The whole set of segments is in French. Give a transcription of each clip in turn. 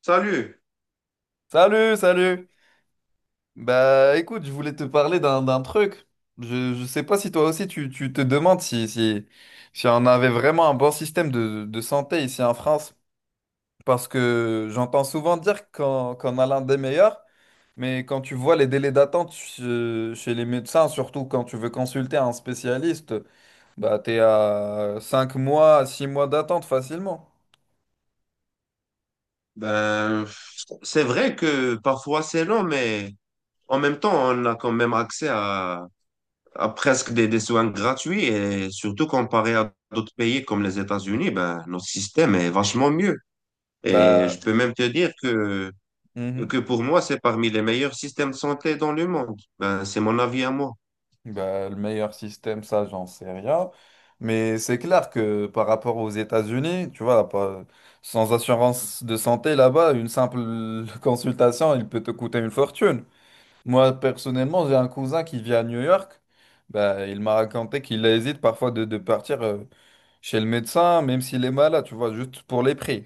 Salut. Salut, salut. Bah écoute, je voulais te parler d'un truc. Je sais pas si toi aussi tu te demandes si on avait vraiment un bon système de santé ici en France. Parce que j'entends souvent dire qu'on a l'un des meilleurs, mais quand tu vois les délais d'attente chez les médecins, surtout quand tu veux consulter un spécialiste, bah t'es à 5 mois, 6 mois d'attente facilement. Ben, c'est vrai que parfois c'est long, mais en même temps, on a quand même accès à presque des soins gratuits et surtout comparé à d'autres pays comme les États-Unis, notre système est vachement mieux. Et Bah. je peux même te dire Mhm. que pour moi, c'est parmi les meilleurs systèmes de santé dans le monde. C'est mon avis à moi. Bah, le meilleur système, ça, j'en sais rien. Mais c'est clair que par rapport aux États-Unis, tu vois, sans assurance de santé là-bas, une simple consultation, il peut te coûter une fortune. Moi, personnellement, j'ai un cousin qui vit à New York. Bah, il m'a raconté qu'il hésite parfois de partir chez le médecin, même s'il est malade, tu vois, juste pour les prix.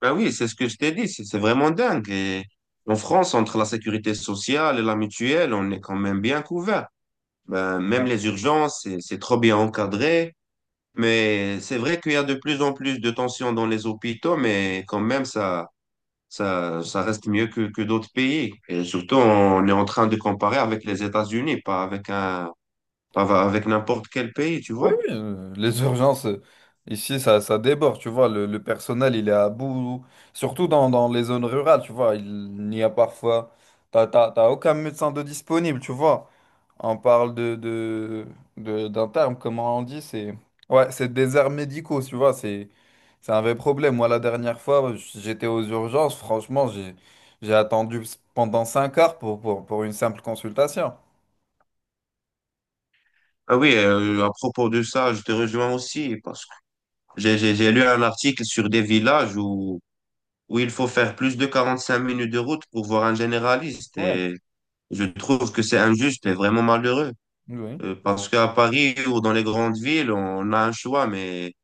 Ben oui, c'est ce que je t'ai dit, c'est vraiment dingue. Et en France, entre la sécurité sociale et la mutuelle, on est quand même bien couvert. Ben, même les urgences, c'est trop bien encadré. Mais c'est vrai qu'il y a de plus en plus de tensions dans les hôpitaux, mais quand même, ça reste mieux que d'autres pays. Et surtout, on est en train de comparer avec les États-Unis, pas avec un, pas va- avec n'importe quel pays, tu Oui, vois. oui, les urgences, ici, ça déborde, tu vois, le personnel, il est à bout, surtout dans les zones rurales, tu vois, il n'y a parfois, t'as aucun médecin de disponible, tu vois, on parle d'un terme, comment on dit, c'est, ouais, c'est déserts médicaux, tu vois, c'est un vrai problème. Moi, la dernière fois, j'étais aux urgences, franchement, j'ai attendu pendant 5 heures pour une simple consultation. Ah oui, à propos de ça, je te rejoins aussi parce que j'ai lu un article sur des villages où il faut faire plus de 45 minutes de route pour voir un généraliste Ouais. et je trouve que c'est injuste et vraiment malheureux. Oui. Parce qu'à Paris ou dans les grandes villes, on a un choix,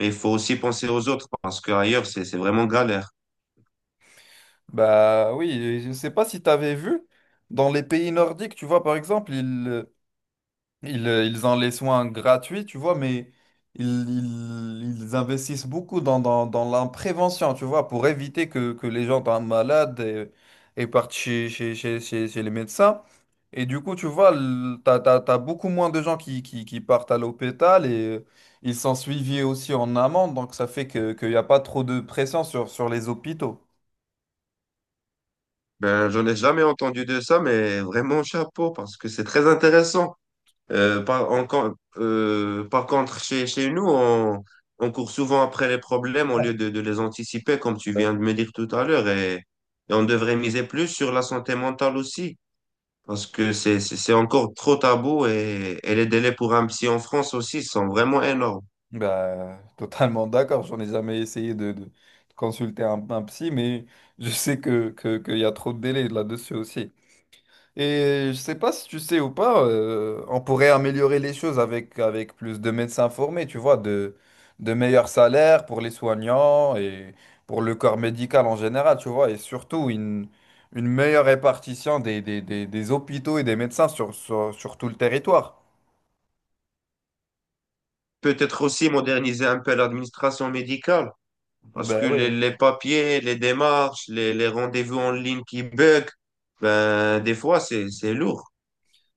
mais il faut aussi penser aux autres parce qu'ailleurs, c'est vraiment galère. Bah oui, je sais pas si tu avais vu, dans les pays nordiques, tu vois, par exemple, ils ont les soins gratuits, tu vois, mais ils investissent beaucoup dans la prévention, tu vois, pour éviter que les gens tombent malades et partent chez les médecins. Et du coup, tu vois, t'as beaucoup moins de gens qui partent à l'hôpital et ils sont suivis aussi en amont, donc ça fait qu'il n'y a pas trop de pression sur les hôpitaux. Ben, j'en ai jamais entendu de ça, mais vraiment chapeau parce que c'est très intéressant. Par contre, chez nous, on court souvent après les problèmes au lieu de les anticiper, comme tu viens de me dire tout à l'heure, et on devrait miser plus sur la santé mentale aussi. Parce que c'est encore trop tabou et les délais pour un psy en France aussi sont vraiment énormes. Bah, totalement d'accord. J'en ai jamais essayé de consulter un psy, mais je sais qu'il y a trop de délais là-dessus aussi. Et je sais pas si tu sais ou pas, on pourrait améliorer les choses avec plus de médecins formés, tu vois, de meilleurs salaires pour les soignants et pour le corps médical en général, tu vois, et surtout une meilleure répartition des hôpitaux et des médecins sur tout le territoire. Peut-être aussi moderniser un peu l'administration médicale, parce Ben que oui. les papiers, les démarches, les rendez-vous en ligne qui bug, ben, des fois, c'est lourd.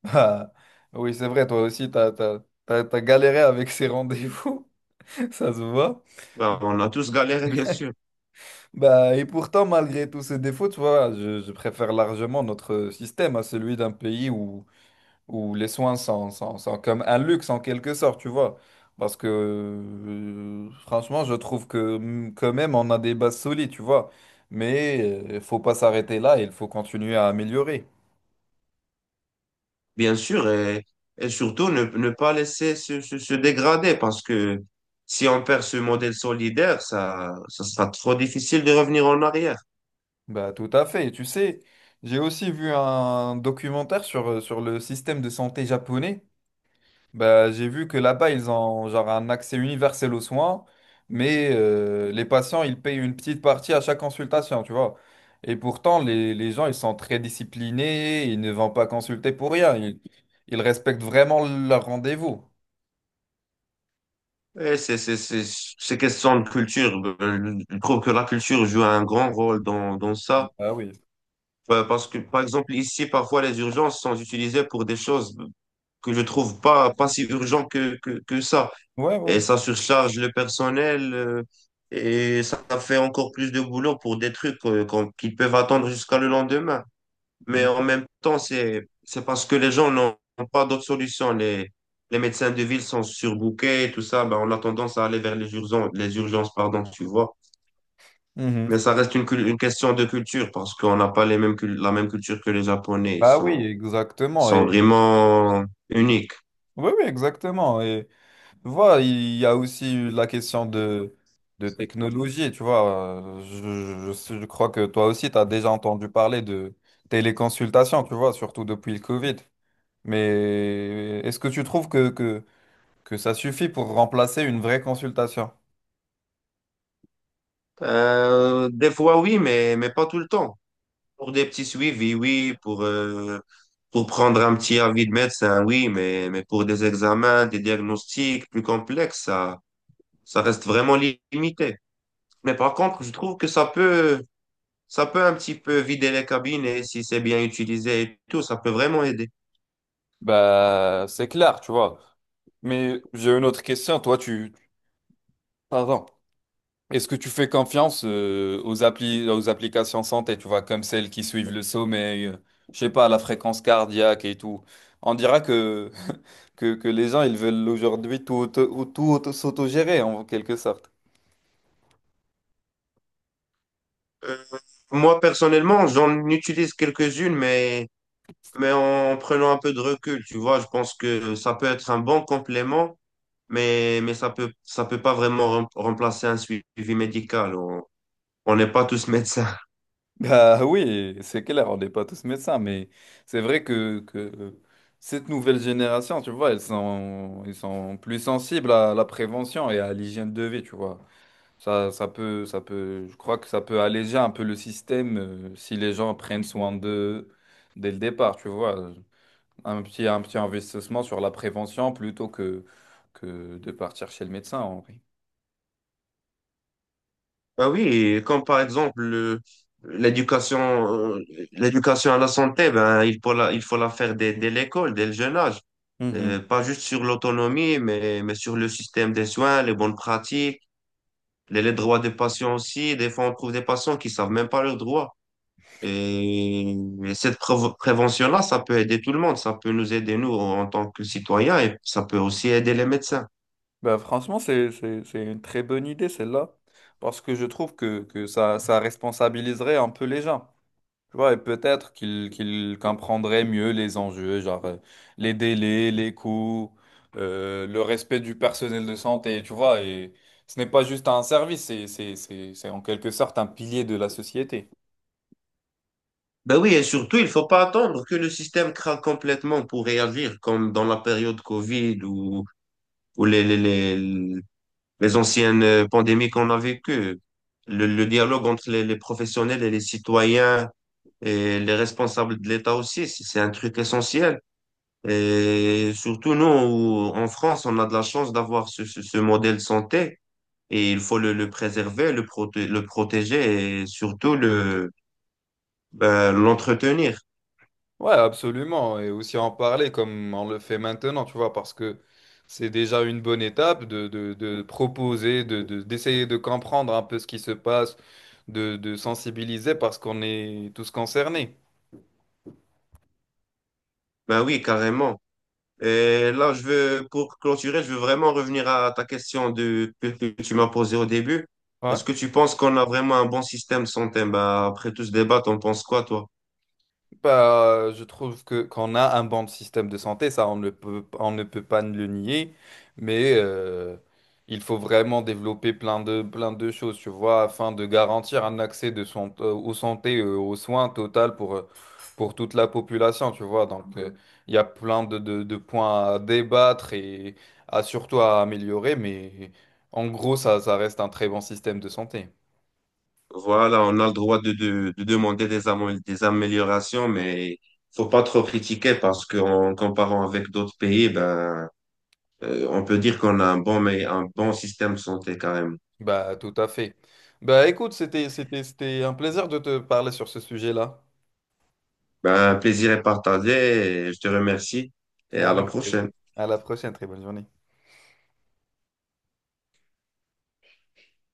Ah, oui, c'est vrai, toi aussi, t'as galéré avec ces rendez-vous, ça se voit. Ben, on a tous galéré, bien sûr. Bah, et pourtant, malgré tous ces défauts, tu vois, je préfère largement notre système à celui d'un pays où les soins sont comme un luxe en quelque sorte, tu vois. Parce que, franchement, je trouve que quand même, on a des bases solides, tu vois. Mais il faut pas s'arrêter là, il faut continuer à améliorer. Bien sûr, et surtout, ne pas laisser se dégrader, parce que si on perd ce modèle solidaire, ça sera trop difficile de revenir en arrière. Bah, tout à fait. Et tu sais, j'ai aussi vu un documentaire sur le système de santé japonais. Bah, j'ai vu que là-bas, ils ont genre un accès universel aux soins, mais les patients, ils payent une petite partie à chaque consultation, tu vois. Et pourtant, les gens, ils sont très disciplinés, ils ne vont pas consulter pour rien. Ils respectent vraiment leur rendez-vous. Et c'est question de culture. Ben, je trouve que la culture joue un grand rôle dans ça. Ah oui. Ouais, parce que, par exemple, ici, parfois, les urgences sont utilisées pour des choses que je trouve pas si urgent que ça. Ouais, Et ouais. ça surcharge le personnel, et ça fait encore plus de boulot pour des trucs, qu'on- qu'ils peuvent attendre jusqu'à le lendemain. Mais en Mhm. même temps, c'est parce que les gens n'ont pas d'autres solutions. Les médecins de ville sont surbookés et tout ça. Ben, on a tendance à aller vers les urgences, pardon, tu vois. Mhm. Mais ça reste une question de culture parce qu'on n'a pas la même culture que les Japonais. Ah oui, exactement. Sont Et… vraiment uniques. Oui, oui, exactement. Voilà, il y a aussi la question de technologie, tu vois. Je crois que toi aussi, tu as déjà entendu parler de téléconsultation, tu vois, surtout depuis le Covid. Mais est-ce que tu trouves que ça suffit pour remplacer une vraie consultation? Des fois, oui, mais pas tout le temps. Pour des petits suivis, oui. Pour prendre un petit avis de médecin, oui. Mais pour des examens, des diagnostics plus complexes, ça reste vraiment limité. Mais par contre, je trouve que ça peut un petit peu vider les cabinets si c'est bien utilisé et tout. Ça peut vraiment aider. Bah, c'est clair, tu vois. Mais j'ai une autre question. Toi, tu… Pardon. Est-ce que tu fais confiance aux applications santé, tu vois, comme celles qui suivent le sommeil, je sais pas, la fréquence cardiaque et tout. On dira que, que les gens, ils veulent aujourd'hui tout, s'autogérer en quelque sorte. Euh, Moi, personnellement, j'en utilise quelques-unes, mais en prenant un peu de recul, tu vois, je pense que ça peut être un bon complément, mais, ça peut pas vraiment remplacer un suivi médical. On n'est pas tous médecins. Bah oui, c'est clair, on n'est pas tous médecins, mais c'est vrai que cette nouvelle génération, tu vois, ils sont plus sensibles à la prévention et à l'hygiène de vie, tu vois. Ça peut, je crois que ça peut alléger un peu le système si les gens prennent soin d'eux dès le départ, tu vois. Un petit investissement sur la prévention plutôt que de partir chez le médecin, en vrai. Ah oui, comme par exemple, l'éducation, l'éducation à la santé, ben, il faut la faire dès l'école, dès le jeune âge. Mhm. Pas juste sur l'autonomie, mais sur le système des soins, les bonnes pratiques. Les droits des patients aussi, des fois on trouve des patients qui savent même pas leurs droits. Et, et cette prévention-là, ça peut aider tout le monde, ça peut nous aider nous en tant que citoyens et ça peut aussi aider les médecins. Bah, franchement, c'est une très bonne idée, celle-là, parce que je trouve que ça, ça responsabiliserait un peu les gens. Tu vois, et peut-être qu'il comprendrait mieux les enjeux, genre les délais, les coûts, le respect du personnel de santé, tu vois. Et ce n'est pas juste un service, c'est en quelque sorte un pilier de la société. Ben oui, et surtout, il faut pas attendre que le système craque complètement pour réagir, comme dans la période Covid ou, ou les, les, les, les anciennes pandémies qu'on a vécues. Le dialogue entre les professionnels et les citoyens et les responsables de l'État aussi, c'est un truc essentiel. Et surtout, nous, en France, on a de la chance d'avoir ce modèle santé et il faut le préserver, le protéger et surtout ben, l'entretenir. Ouais, absolument. Et aussi en parler comme on le fait maintenant, tu vois, parce que c'est déjà une bonne étape de proposer, d'essayer de comprendre un peu ce qui se passe, de sensibiliser parce qu'on est tous concernés. Ben oui, carrément. Et là, je veux, pour clôturer, je veux vraiment revenir à ta question que tu m'as posée au début. Ouais. Est-ce que tu penses qu'on a vraiment un bon système de santé? Ben, après tout ce débat, t'en penses quoi, toi? Bah, je trouve que qu'on a un bon système de santé, ça on ne peut pas le nier, mais il faut vraiment développer plein de choses, tu vois, afin de garantir un accès de son, aux santé, aux soins total pour toute la population, tu vois. Donc, il y a plein de points à débattre et à améliorer, mais en gros, ça reste un très bon système de santé. Voilà, on a le droit de demander des améliorations, mais faut pas trop critiquer parce qu'en comparant avec d'autres pays, ben, on peut dire qu'on a un bon, mais un bon système de santé quand même. Bah, tout à fait. Bah, écoute, c'était un plaisir de te parler sur ce sujet-là. Ben, plaisir est partagé et je te remercie et à la Allez, prochaine. à la prochaine, très bonne journée.